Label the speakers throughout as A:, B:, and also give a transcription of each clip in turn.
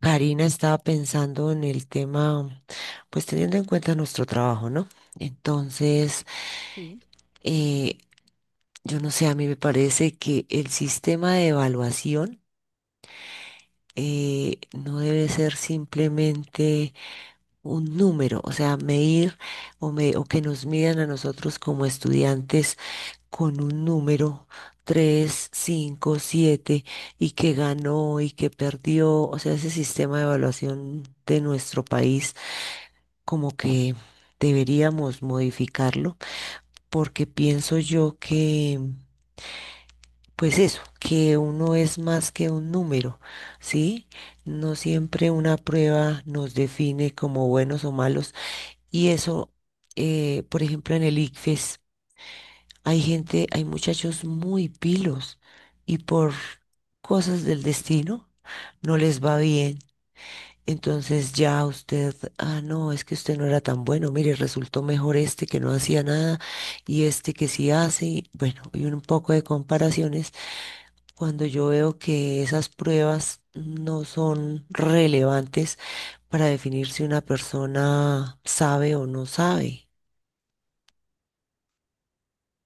A: Karina estaba pensando en el tema, pues teniendo en cuenta nuestro trabajo, ¿no? Entonces,
B: Sí.
A: eh, yo no sé, a mí me parece que el sistema de evaluación no debe ser simplemente un número, o sea, medir o, o que nos midan a nosotros como estudiantes con un número. Tres, 5, 7 y que ganó y que perdió, o sea, ese sistema de evaluación de nuestro país como que deberíamos modificarlo, porque pienso yo que, pues eso, que uno es más que un número, ¿sí? No siempre una prueba nos define como buenos o malos, y eso, por ejemplo, en el ICFES hay gente, hay muchachos muy pilos, y por cosas del destino no les va bien. Entonces ya usted, ah, no, es que usted no era tan bueno, mire, resultó mejor este que no hacía nada y este que sí hace, bueno, y un poco de comparaciones. Cuando yo veo que esas pruebas no son relevantes para definir si una persona sabe o no sabe,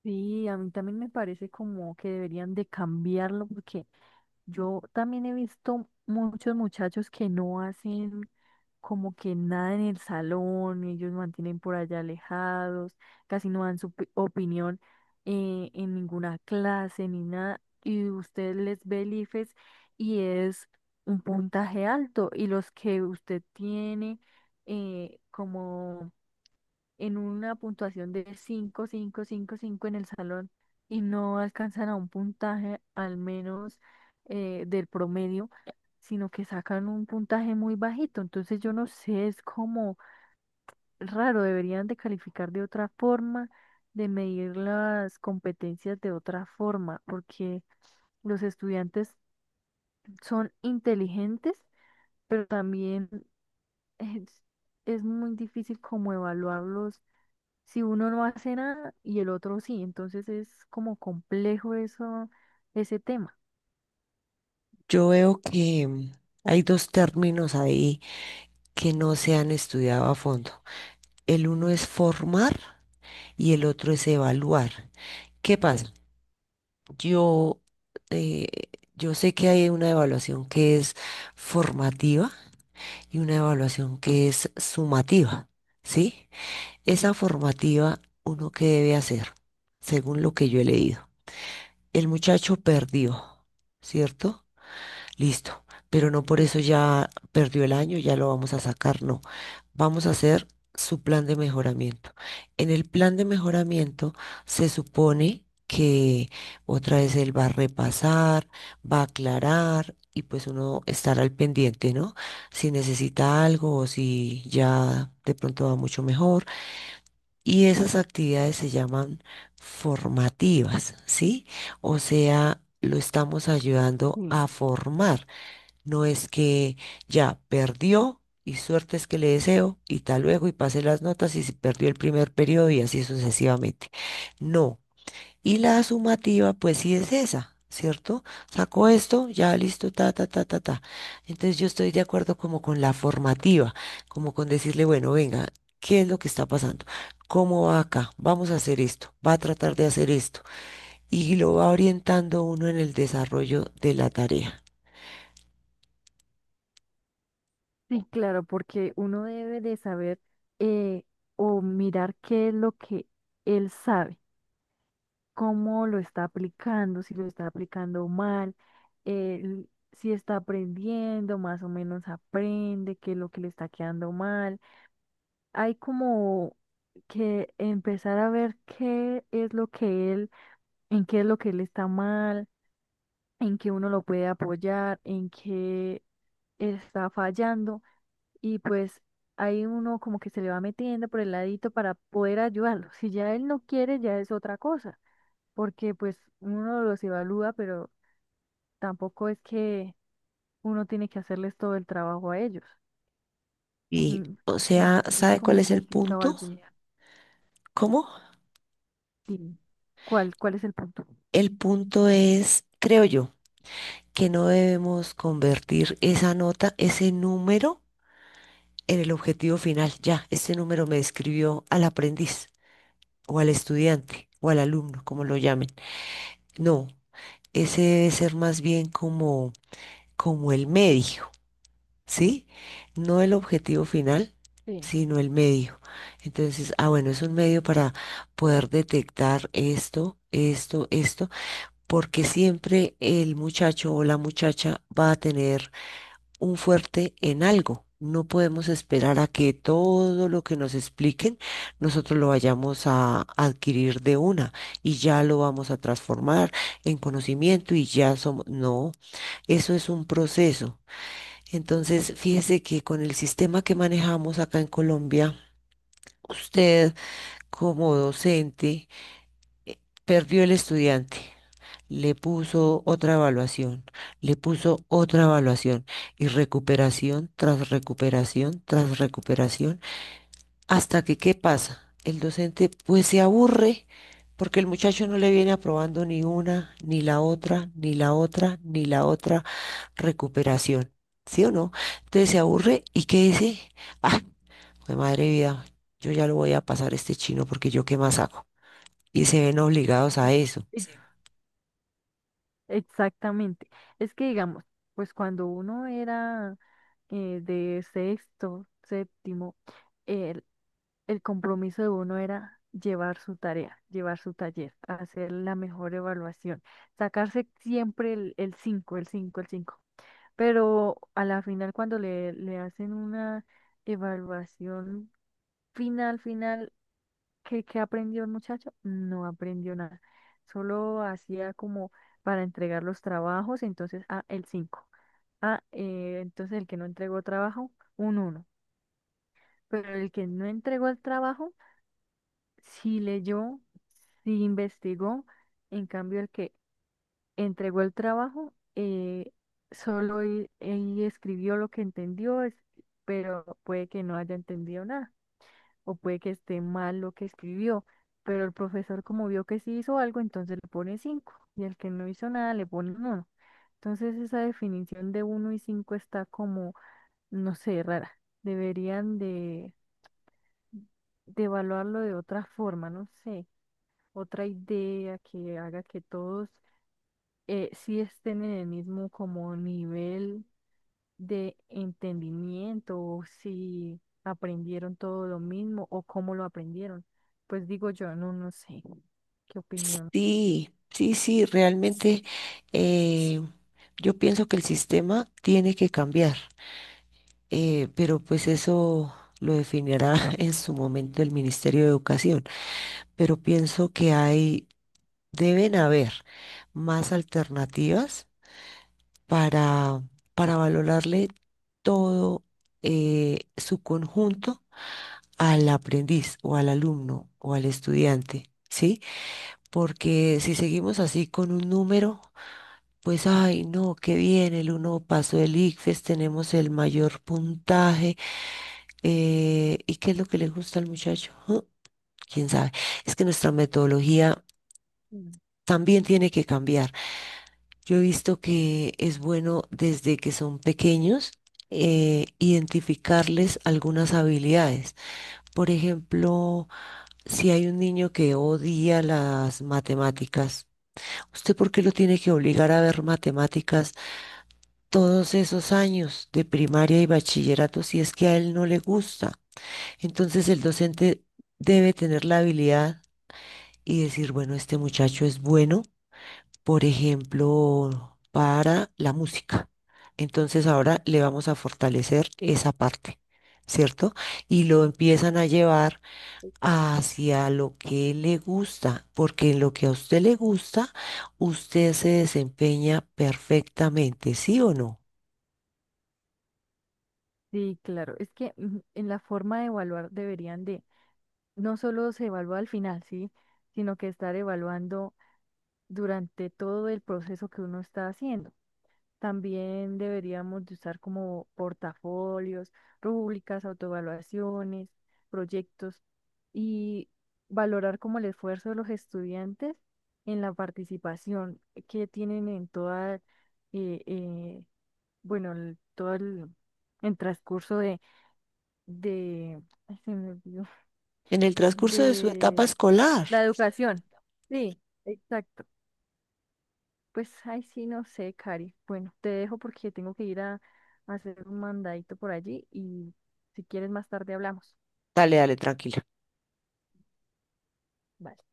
B: Sí, a mí también me parece como que deberían de cambiarlo porque yo también he visto muchos muchachos que no hacen como que nada en el salón, ellos mantienen por allá alejados, casi no dan su opinión en ninguna clase ni nada, y usted les ve el IFES, y es un puntaje alto, y los que usted tiene como en una puntuación de cinco, cinco, cinco, 5 en el salón y no alcanzan a un puntaje, al menos del promedio, sino que sacan un puntaje muy bajito. Entonces yo no sé, es como raro. Deberían de calificar de otra forma, de medir las competencias de otra forma, porque los estudiantes son inteligentes, pero también es, es muy difícil como evaluarlos si uno no hace nada y el otro sí. Entonces es como complejo eso, ese tema.
A: yo veo que hay dos términos ahí que no se han estudiado a fondo. El uno es formar y el otro es evaluar. ¿Qué pasa? Yo, eh, yo sé que hay una evaluación que es formativa y una evaluación que es sumativa, ¿sí? Esa formativa, uno que debe hacer, según lo que yo he leído. El muchacho perdió, ¿cierto? Listo, pero no por eso ya perdió el año, ya lo vamos a sacar, no. Vamos a hacer su plan de mejoramiento. En el plan de mejoramiento se supone que otra vez él va a repasar, va a aclarar y pues uno estará al pendiente, ¿no? Si necesita algo o si ya de pronto va mucho mejor. Y esas actividades se llaman formativas, ¿sí? O sea, lo estamos ayudando a formar. No es que ya perdió y suerte es que le deseo y tal luego y pase las notas y si perdió el primer periodo y así sucesivamente. No. Y la sumativa, pues sí es esa, ¿cierto? Sacó esto, ya listo, ta, ta, ta, ta, ta. Entonces yo estoy de acuerdo como con la formativa, como con decirle, bueno, venga, ¿qué es lo que está pasando? ¿Cómo va acá? Vamos a hacer esto, va a tratar de hacer esto. Y lo va orientando uno en el desarrollo de la tarea.
B: Sí, claro, porque uno debe de saber, eh, o mirar qué es lo que él sabe, cómo lo está aplicando, si lo está aplicando mal, eh, si está aprendiendo, más o menos aprende, qué es lo que le está quedando mal. Hay como que empezar a ver qué es lo que él, en qué es lo que él está mal, en que uno lo puede apoyar, en que está fallando, y pues ahí uno como que se le va metiendo por el ladito para poder ayudarlo. Si ya él no quiere, ya es otra cosa, porque pues uno los evalúa, pero tampoco es que uno tiene que hacerles todo el trabajo a ellos.
A: Y, o
B: Es que
A: sea,
B: es
A: ¿sabe cuál
B: como
A: es el
B: complicado
A: punto?
B: algún, sí, día.
A: ¿Cómo?
B: Dime, ¿cuál es el punto?
A: El punto es, creo yo, que no debemos convertir esa nota, ese número, en el objetivo final. Ya, este número me describió al aprendiz, o al estudiante, o al alumno, como lo llamen. No, ese debe ser más bien como, como el medio. ¿Sí? No el objetivo final,
B: Sí.
A: sino el medio. Entonces, ah, bueno, es un medio para poder detectar esto, esto, esto, porque siempre el muchacho o la muchacha va a tener un fuerte en algo. No podemos esperar a que todo lo que nos expliquen nosotros lo vayamos a adquirir de una y ya lo vamos a transformar en conocimiento y ya somos... No, eso es un proceso. Entonces, fíjese que con el sistema que manejamos acá en Colombia, usted como docente eh, perdió el estudiante, le puso otra evaluación, le puso otra evaluación y recuperación tras recuperación tras recuperación. Hasta que, ¿qué pasa? El docente pues se aburre porque el muchacho no le viene aprobando ni una, ni la otra, ni la otra, ni la otra recuperación. ¿Sí o no? Entonces se aburre y ¿qué dice? Ah, jue madre vida, yo ya lo voy a pasar a este chino porque yo qué más hago. Y se ven obligados a eso.
B: Exactamente. Es que digamos, pues cuando uno era, de sexto, séptimo, el, el compromiso de uno era llevar su tarea, llevar su taller, hacer la mejor evaluación, sacarse siempre el cinco, el cinco, el cinco. Pero a la final, cuando le hacen una evaluación final, final, ¿qué aprendió el muchacho? No aprendió nada. Solo hacía como para entregar los trabajos, entonces, ah, el cinco. Ah, entonces el que no entregó trabajo, un uno. Pero el que no entregó el trabajo, sí leyó, sí investigó. En cambio, el que entregó el trabajo, solo y escribió lo que entendió, pero puede que no haya entendido nada, o puede que esté mal lo que escribió. Pero el profesor, como vio que sí hizo algo, entonces le pone cinco, y el que no hizo nada le pone uno. Entonces esa definición de uno y cinco está como, no sé, rara. Deberían de evaluarlo de otra forma, no sé, otra idea que haga que todos, sí estén en el mismo como nivel de entendimiento, o si aprendieron todo lo mismo, o cómo lo aprendieron. Pues digo yo, no, no sé qué opinión.
A: Sí, sí, sí, realmente eh, yo pienso que el sistema tiene que cambiar. Pero pues eso lo definirá en su momento el Ministerio de Educación. Pero pienso que hay, deben haber más alternativas para, para valorarle todo su conjunto al aprendiz o al alumno o al estudiante, ¿sí? Porque si seguimos así con un número, pues, ay, no, qué bien, el uno pasó el ICFES, tenemos el mayor puntaje. ¿Y qué es lo que le gusta al muchacho? Ujú, ¿quién sabe? Es que nuestra metodología
B: Mm,
A: también tiene que cambiar. Yo he visto que es bueno desde que son pequeños identificarles algunas habilidades. Por ejemplo, si hay un niño que odia las matemáticas, ¿usted por qué lo tiene que obligar a ver matemáticas todos esos años de primaria y bachillerato si es que a él no le gusta? Entonces el docente debe tener la habilidad y decir, bueno, este muchacho es bueno, por ejemplo, para la música. Entonces ahora le vamos a fortalecer esa parte, ¿cierto? Y lo empiezan a llevar
B: sí, claro.
A: hacia lo que le gusta, porque en lo que a usted le gusta, usted se desempeña perfectamente, ¿sí o no?
B: Sí, claro. Es que en la forma de evaluar deberían de, no solo se evalúa al final, ¿sí? Sino que estar evaluando durante todo el proceso que uno está haciendo. También deberíamos de usar como portafolios, rúbricas, autoevaluaciones, proyectos, y valorar como el esfuerzo de los estudiantes en la participación que tienen en toda, eh, eh, bueno, todo el transcurso de, ay, se me olvidó,
A: En el transcurso de su etapa
B: de
A: escolar.
B: la educación. Sí, exacto. Pues, ay, sí, no sé, Cari. Bueno, te dejo porque tengo que ir a hacer un mandadito por allí, y si quieres más tarde hablamos.
A: Dale, dale, tranquila.
B: Bye.